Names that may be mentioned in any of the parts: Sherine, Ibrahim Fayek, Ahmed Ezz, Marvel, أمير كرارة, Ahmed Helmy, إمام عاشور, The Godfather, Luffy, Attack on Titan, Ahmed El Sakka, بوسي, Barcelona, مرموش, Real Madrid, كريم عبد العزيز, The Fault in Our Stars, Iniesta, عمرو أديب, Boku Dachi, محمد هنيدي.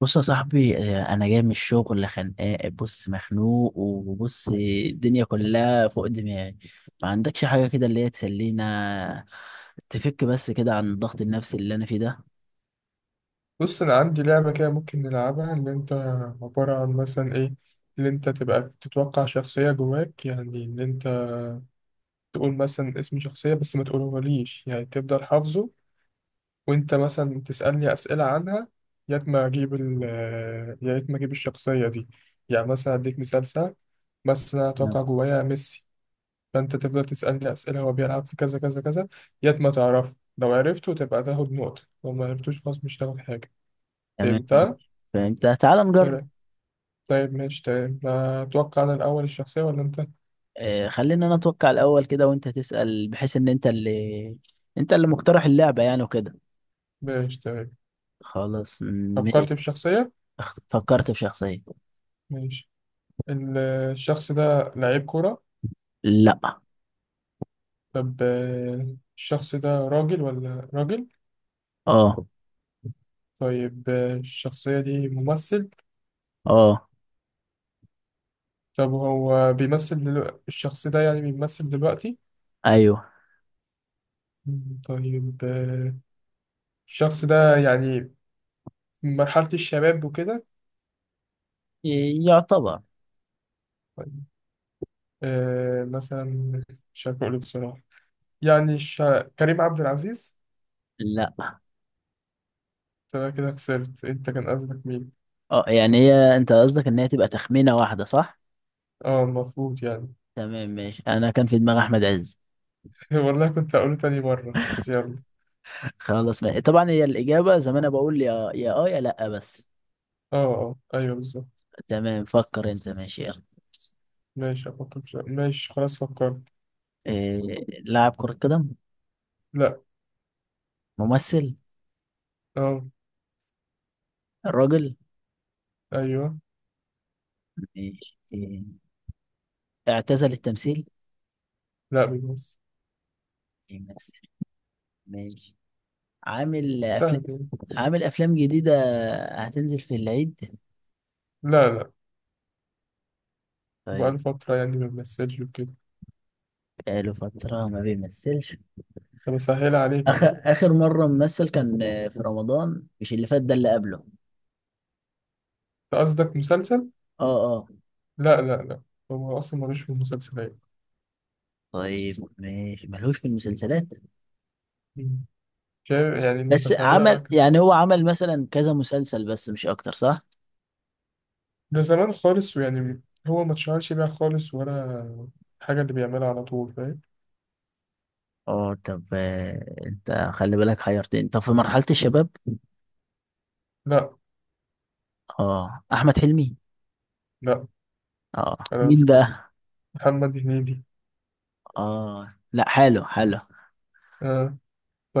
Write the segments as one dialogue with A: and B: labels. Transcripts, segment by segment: A: بص يا صاحبي انا جاي من الشغل خانقان. بص مخنوق وبص الدنيا كلها فوق دماغي. ما عندكش حاجه كده اللي هي تسلينا؟ تفك بس كده عن الضغط النفسي اللي انا فيه ده.
B: بص انا عندي لعبه كده ممكن نلعبها اللي انت عباره عن مثلا ايه اللي انت تبقى تتوقع شخصيه جواك يعني اللي انت تقول مثلا اسم شخصيه بس ما تقولهوليش يعني تفضل حافظه وانت مثلا تسالني اسئله عنها يا ما اجيب ال يا ريت ما اجيب الشخصيه دي يعني مثلا اديك مثال سهل بس انا
A: نعم.
B: اتوقع جوايا ميسي. فانت تفضل تسالني اسئله، هو بيلعب في كذا كذا كذا، يا ما تعرفه. لو عرفته تبقى تاخد نقطه، لو ما عرفتوش خلاص مش تاخد حاجه.
A: تمام
B: فهمتها؟
A: ماشي. فانت تعال نجرب.
B: طيب ماشي. طيب أتوقع أنا الأول الشخصية ولا أنت؟
A: خلينا انا اتوقع الاول كده وانت تسال بحيث ان انت اللي مقترح اللعبه يعني وكده.
B: ماشي طيب.
A: خلاص ماشي.
B: فكرت في شخصية؟
A: فكرت في شخصيه.
B: ماشي. ال- الشخص ده لعيب كورة؟
A: لا.
B: طب الشخص ده راجل ولا راجل؟
A: اه
B: طيب الشخصية دي ممثل؟
A: اه
B: طب هو الشخص ده يعني بيمثل دلوقتي؟
A: ايوه.
B: طيب الشخص ده يعني في مرحلة الشباب وكده؟
A: إيه، يعتبر.
B: طيب، مثلا مش عارف أقوله بصراحة. يعني الش... كريم عبد العزيز.
A: لا.
B: تمام، كده خسرت. انت كان قصدك مين؟
A: اه، يعني هي انت قصدك ان هي تبقى تخمينة واحدة صح؟
B: اه المفروض يعني.
A: تمام ماشي. انا كان في دماغي احمد عز.
B: والله كنت هقوله تاني مرة بس يلا.
A: خلاص ماشي. طبعا هي الاجابة زي ما انا بقول يا يا اه يا لا بس.
B: اه اه ايوه بالظبط.
A: تمام، فكر انت، ماشي يلا.
B: ماشي افكر في سؤال. ماشي خلاص فكرت.
A: إيه. لاعب كرة قدم.
B: لا.
A: ممثل.
B: اه.
A: راجل.
B: ايوه.
A: ماشي إيه. اعتزل التمثيل.
B: لا بيمثل.
A: يمثل. ماشي. عامل افلام.
B: سهل يعني.
A: عامل افلام جديدة. هتنزل في العيد.
B: لا لا. بقاله
A: طيب.
B: فترة يعني ما بيمثلش وكده.
A: بقاله فترة ما بيمثلش.
B: طب اسهل عليك
A: اخر
B: اهو.
A: اخر مره ممثل كان في رمضان، مش اللي فات ده اللي قبله.
B: انت قصدك مسلسل؟
A: اه اه.
B: لا لا لا. هو اصلا ملوش في المسلسلات.
A: طيب ماشي، ملهوش في المسلسلات.
B: مم. شايف يعني
A: بس
B: بسهلها
A: عمل
B: معاك
A: يعني،
B: ازاي.
A: هو عمل مثلا كذا مسلسل بس مش اكتر صح؟
B: ده زمان خالص ويعني هو ما اتشهرش بيها خالص، ولا حاجة اللي بيعملها على طول، فاهم.
A: اه، طب انت خلي بالك، حيرتني. طب في مرحله الشباب.
B: لا.
A: اه، احمد حلمي.
B: لا.
A: اه،
B: خلاص
A: مين
B: كده
A: بقى.
B: محمد هنيدي.
A: اه لا، حلو حلو
B: آه.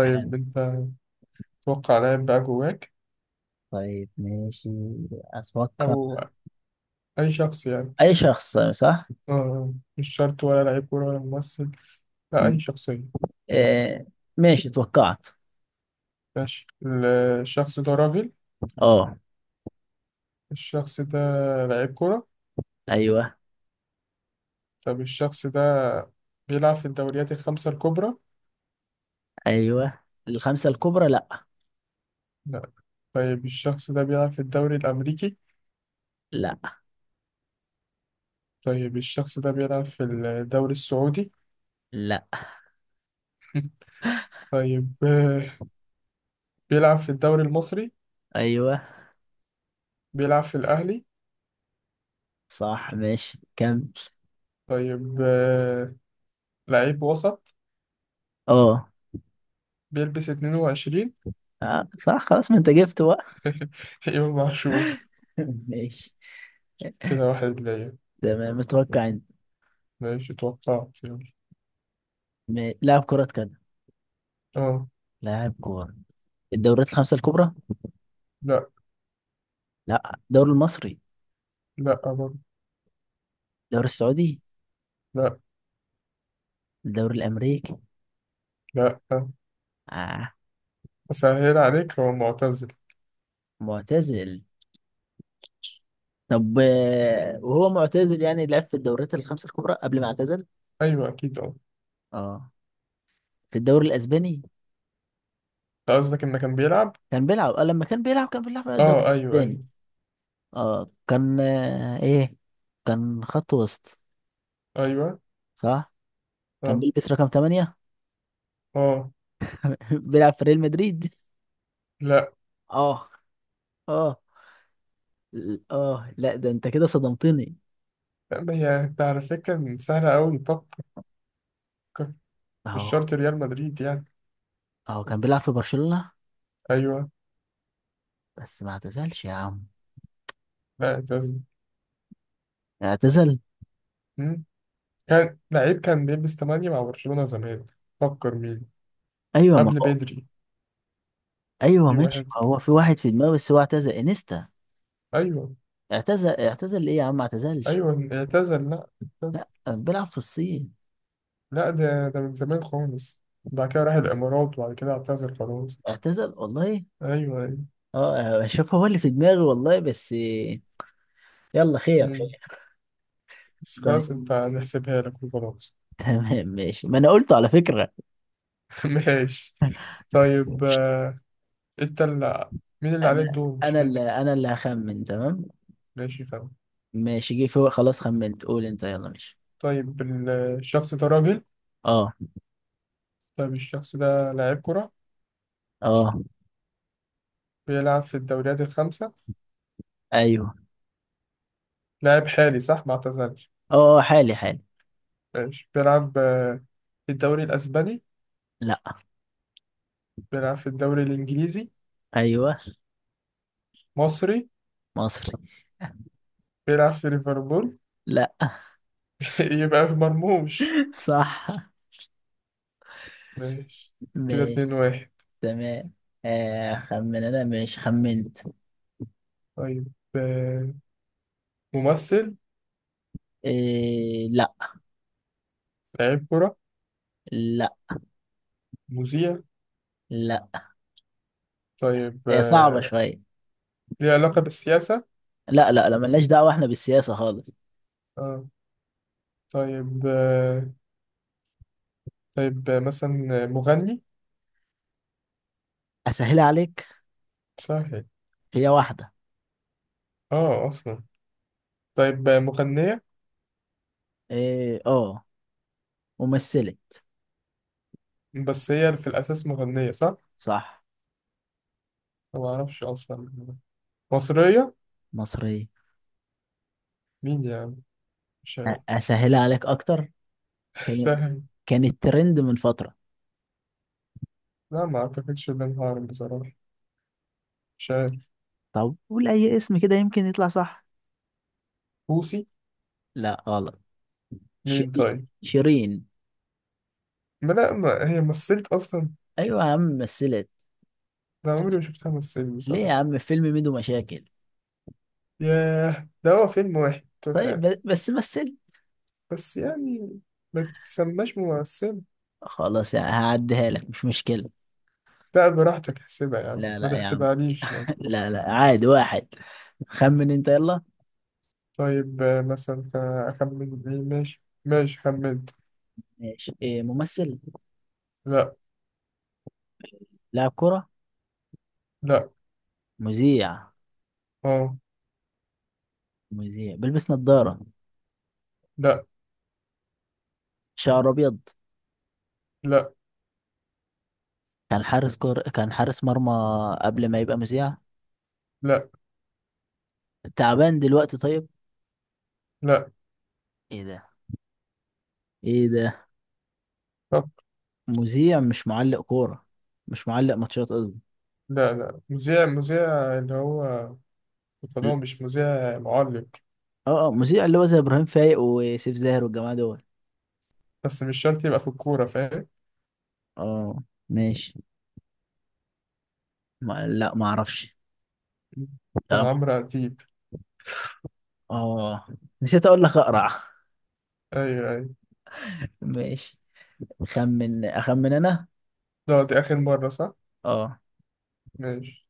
A: حلو.
B: انت توقع لاعب بقى جواك،
A: طيب ماشي. اتوقع.
B: او اي شخص يعني.
A: اي شخص صح.
B: آه. مش شرط ولا لعيب كورة ولا ممثل، لا
A: م.
B: اي شخصية.
A: آه. ماشي توقعت.
B: ماشي. الشخص ده راجل.
A: اه.
B: الشخص ده لعيب كورة.
A: ايوه.
B: طب الشخص ده بيلعب في الدوريات الخمسة الكبرى؟
A: ايوه. الخمسة الكبرى لا.
B: لا. طيب الشخص ده بيلعب في الدوري الأمريكي؟
A: لا
B: طيب الشخص ده بيلعب في الدوري السعودي؟
A: لا.
B: طيب بيلعب في الدوري المصري؟
A: ايوه.
B: بيلعب في الأهلي؟
A: صح ماشي، كمل.
B: طيب لعيب وسط.
A: اه
B: بيلبس 22.
A: صح، خلاص ما انت جبت بقى.
B: إمام عاشور.
A: ماشي.
B: كده واحد ليا.
A: تمام، متوقع انت.
B: ماشي توقعت يعني.
A: لاعب كرة قدم.
B: اه.
A: لاعب كورة. الدوريات الخمسة الكبرى.
B: لا.
A: لا، الدوري المصري.
B: لا برضه.
A: الدوري السعودي.
B: لا.
A: الدوري الأمريكي.
B: لا.
A: آه.
B: أسهل عليك، هو معتزل.
A: معتزل. طب وهو معتزل يعني لعب في الدوريات الخمسة الكبرى قبل ما اعتزل.
B: أيوه أكيد اه.
A: اه، في الدوري الأسباني.
B: أنت قصدك إنه كان بيلعب؟
A: كان بيلعب لما كان بيلعب كان بيلعب في الدوري
B: اه أيوه
A: الأسباني.
B: أيوه.
A: اه كان ايه. كان خط وسط.
B: أيوه.
A: صح. كان
B: اه
A: بيلبس رقم 8.
B: اه.
A: بيلعب في ريال مدريد.
B: لا.
A: اه اه. اه لا، ده انت كده صدمتني.
B: لا ما هي أنت على فكرة سهلة أوي، فكر فكر. مش
A: اهو.
B: شرط ريال مدريد يعني.
A: اهو كان بيلعب في برشلونة.
B: أيوه.
A: بس ما اعتزلش يا عم.
B: لا اعتزل.
A: اعتزل.
B: مم. كان لعيب، كان بيلبس 8 مع برشلونة زمان. فكر مين،
A: ايوه ما
B: قبل
A: هو.
B: بدري.
A: ايوه
B: في واحد.
A: ماشي، ما هو في واحد في دماغي بس هو اعتزل انيستا.
B: ايوه
A: اعتزل اعتزل، ايه يا عم ما اعتزلش.
B: ايوه. اعتزل لا، اعتزل.
A: لا، بيلعب في الصين.
B: لا ده ده من زمان خالص. بعد كده راح الامارات وبعد كده اعتزل خلاص.
A: اعتزل والله.
B: ايوه ايوه.
A: اه شوف، هو اللي في دماغي والله بس. يلا، خير
B: مم.
A: خير.
B: بس خلاص
A: طيب.
B: انت نحسبها لك وخلاص.
A: تمام ماشي، ما انا قلت على فكرة.
B: ماشي. طيب انت اللي، مين اللي عليه
A: انا
B: الدور مش
A: انا
B: فاكر.
A: اللي انا اللي هخمن. تمام
B: ماشي فاهم.
A: ماشي، جه فوق خلاص خمنت. قول انت، يلا ماشي.
B: طيب الشخص ده راجل.
A: اه.
B: طيب الشخص ده لاعب كرة.
A: اه
B: بيلعب في الدوريات الخمسة.
A: ايوه.
B: لاعب حالي صح ما اعتزلش.
A: اه حالي حالي.
B: ماشي بيلعب في الدوري الأسباني.
A: لا.
B: بيلعب في الدوري الإنجليزي.
A: ايوه.
B: مصري.
A: مصري.
B: بيلعب في ليفربول.
A: لا.
B: يبقى في مرموش.
A: صح
B: ماشي. كده اتنين
A: ماشي.
B: واحد.
A: تمام. خمن انا، ماشي خمنت.
B: طيب ممثل.
A: إيه. لا.
B: لعيب كرة.
A: لا
B: مذيع.
A: لا.
B: طيب
A: هي صعبة شوية.
B: ليه علاقة بالسياسة.
A: لا لا لا، ملناش دعوة احنا بالسياسة خالص.
B: اه. طيب طيب آه، مثلا آه، مغني.
A: اسهلها عليك.
B: سهل.
A: هي واحدة.
B: اه أصلا. طيب مغنية.
A: إيه اه. ممثلة.
B: بس هي في الأساس مغنية صح؟
A: صح.
B: أنا معرفش أصلا. مصرية.
A: مصرية.
B: مين يعني؟ مش عارف.
A: أسهلها عليك أكتر. كان.
B: سهل.
A: كان الترند من فترة.
B: لا ما أعتقدش إن أنا هعرف بصراحة. مش عارف.
A: طب قول أي اسم كده، يمكن يطلع صح.
B: بوسي.
A: لا غلط.
B: مين
A: شيرين.
B: طيب.
A: شيرين.
B: ما لا، ما هي مثلت اصلا.
A: أيوة يا عم مثلت.
B: ده عمري ما شفتها مثلت
A: ليه
B: بصراحه.
A: يا عم، في فيلم ميدو مشاكل.
B: ياه ده هو فيلم واحد طول
A: طيب
B: حياتي.
A: بس مثل.
B: بس يعني ما تسماش ممثل.
A: خلاص هعديها لك، مش مشكلة.
B: لا براحتك، احسبها يعني
A: لا
B: ما
A: لا يا عم.
B: تحسبهاليش يعني.
A: لا لا، عادي واحد. خمن أنت يلا.
B: طيب آه، مثلا آه، اخمن مين. ماشي ماشي خمنت.
A: ماشي. إيه، ممثل.
B: لا.
A: لاعب كرة.
B: لا.
A: مذيع.
B: اه.
A: مذيع بيلبس نظارة.
B: لا.
A: شعر أبيض.
B: لا.
A: كان حارس مرمى قبل ما يبقى مذيع.
B: لا.
A: تعبان دلوقتي طيب.
B: لا.
A: ايه ده. ايه ده.
B: طب
A: مذيع مش معلق كورة. مش معلق ماتشات قصدي.
B: لا. لا. مذيع مذيع اللي هو في
A: لا،
B: القناة، مش مذيع معلق.
A: اه اه، مذيع اللي هو زي ابراهيم فايق وسيف زاهر والجماعة دول.
B: بس مش شرط يبقى في الكورة، فاهم.
A: اه. ماشي. ما لا، ما اعرفش.
B: كان
A: كلام.
B: عمرو أديب.
A: اه. نسيت اقول لك، اقرع.
B: أيوه أيوه.
A: ماشي. اخمن انا.
B: لا دي آخر مرة صح؟
A: اه.
B: ماشي.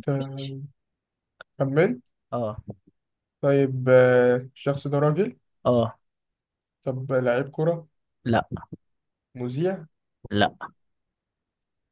B: ت-
A: ماشي.
B: كملت.
A: اه.
B: طيب الشخص ده راجل.
A: اه.
B: طب لعيب كرة.
A: لا.
B: مذيع.
A: لا.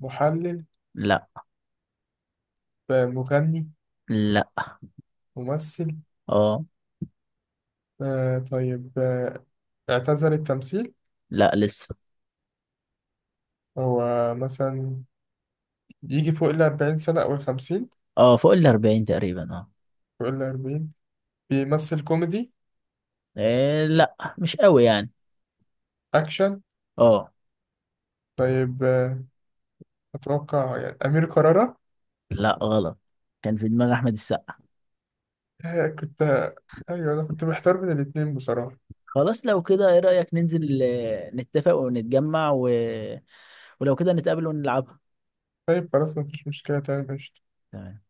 B: محلل.
A: لا.
B: مغني.
A: لا.
B: ممثل.
A: اه.
B: آه، طيب آه، اعتزل التمثيل.
A: لا لسه.
B: هو مثلا يجي فوق الأربعين سنة أو الخمسين.
A: اه فوق ال 40 تقريبا اه.
B: فوق الأربعين. بيمثل كوميدي.
A: إيه لا، مش قوي يعني.
B: أكشن.
A: اه.
B: طيب أتوقع يعني أمير كرارة.
A: لا غلط. كان في دماغ احمد السقا.
B: آه، كنت أيوه أنا كنت محتار بين الاتنين بصراحة.
A: خلاص لو كده، ايه رأيك ننزل، نتفق ونتجمع و... ولو كده نتقابل ونلعبها.
B: طيب خلاص مفيش مشكلة، تمام ماشي.
A: تمام.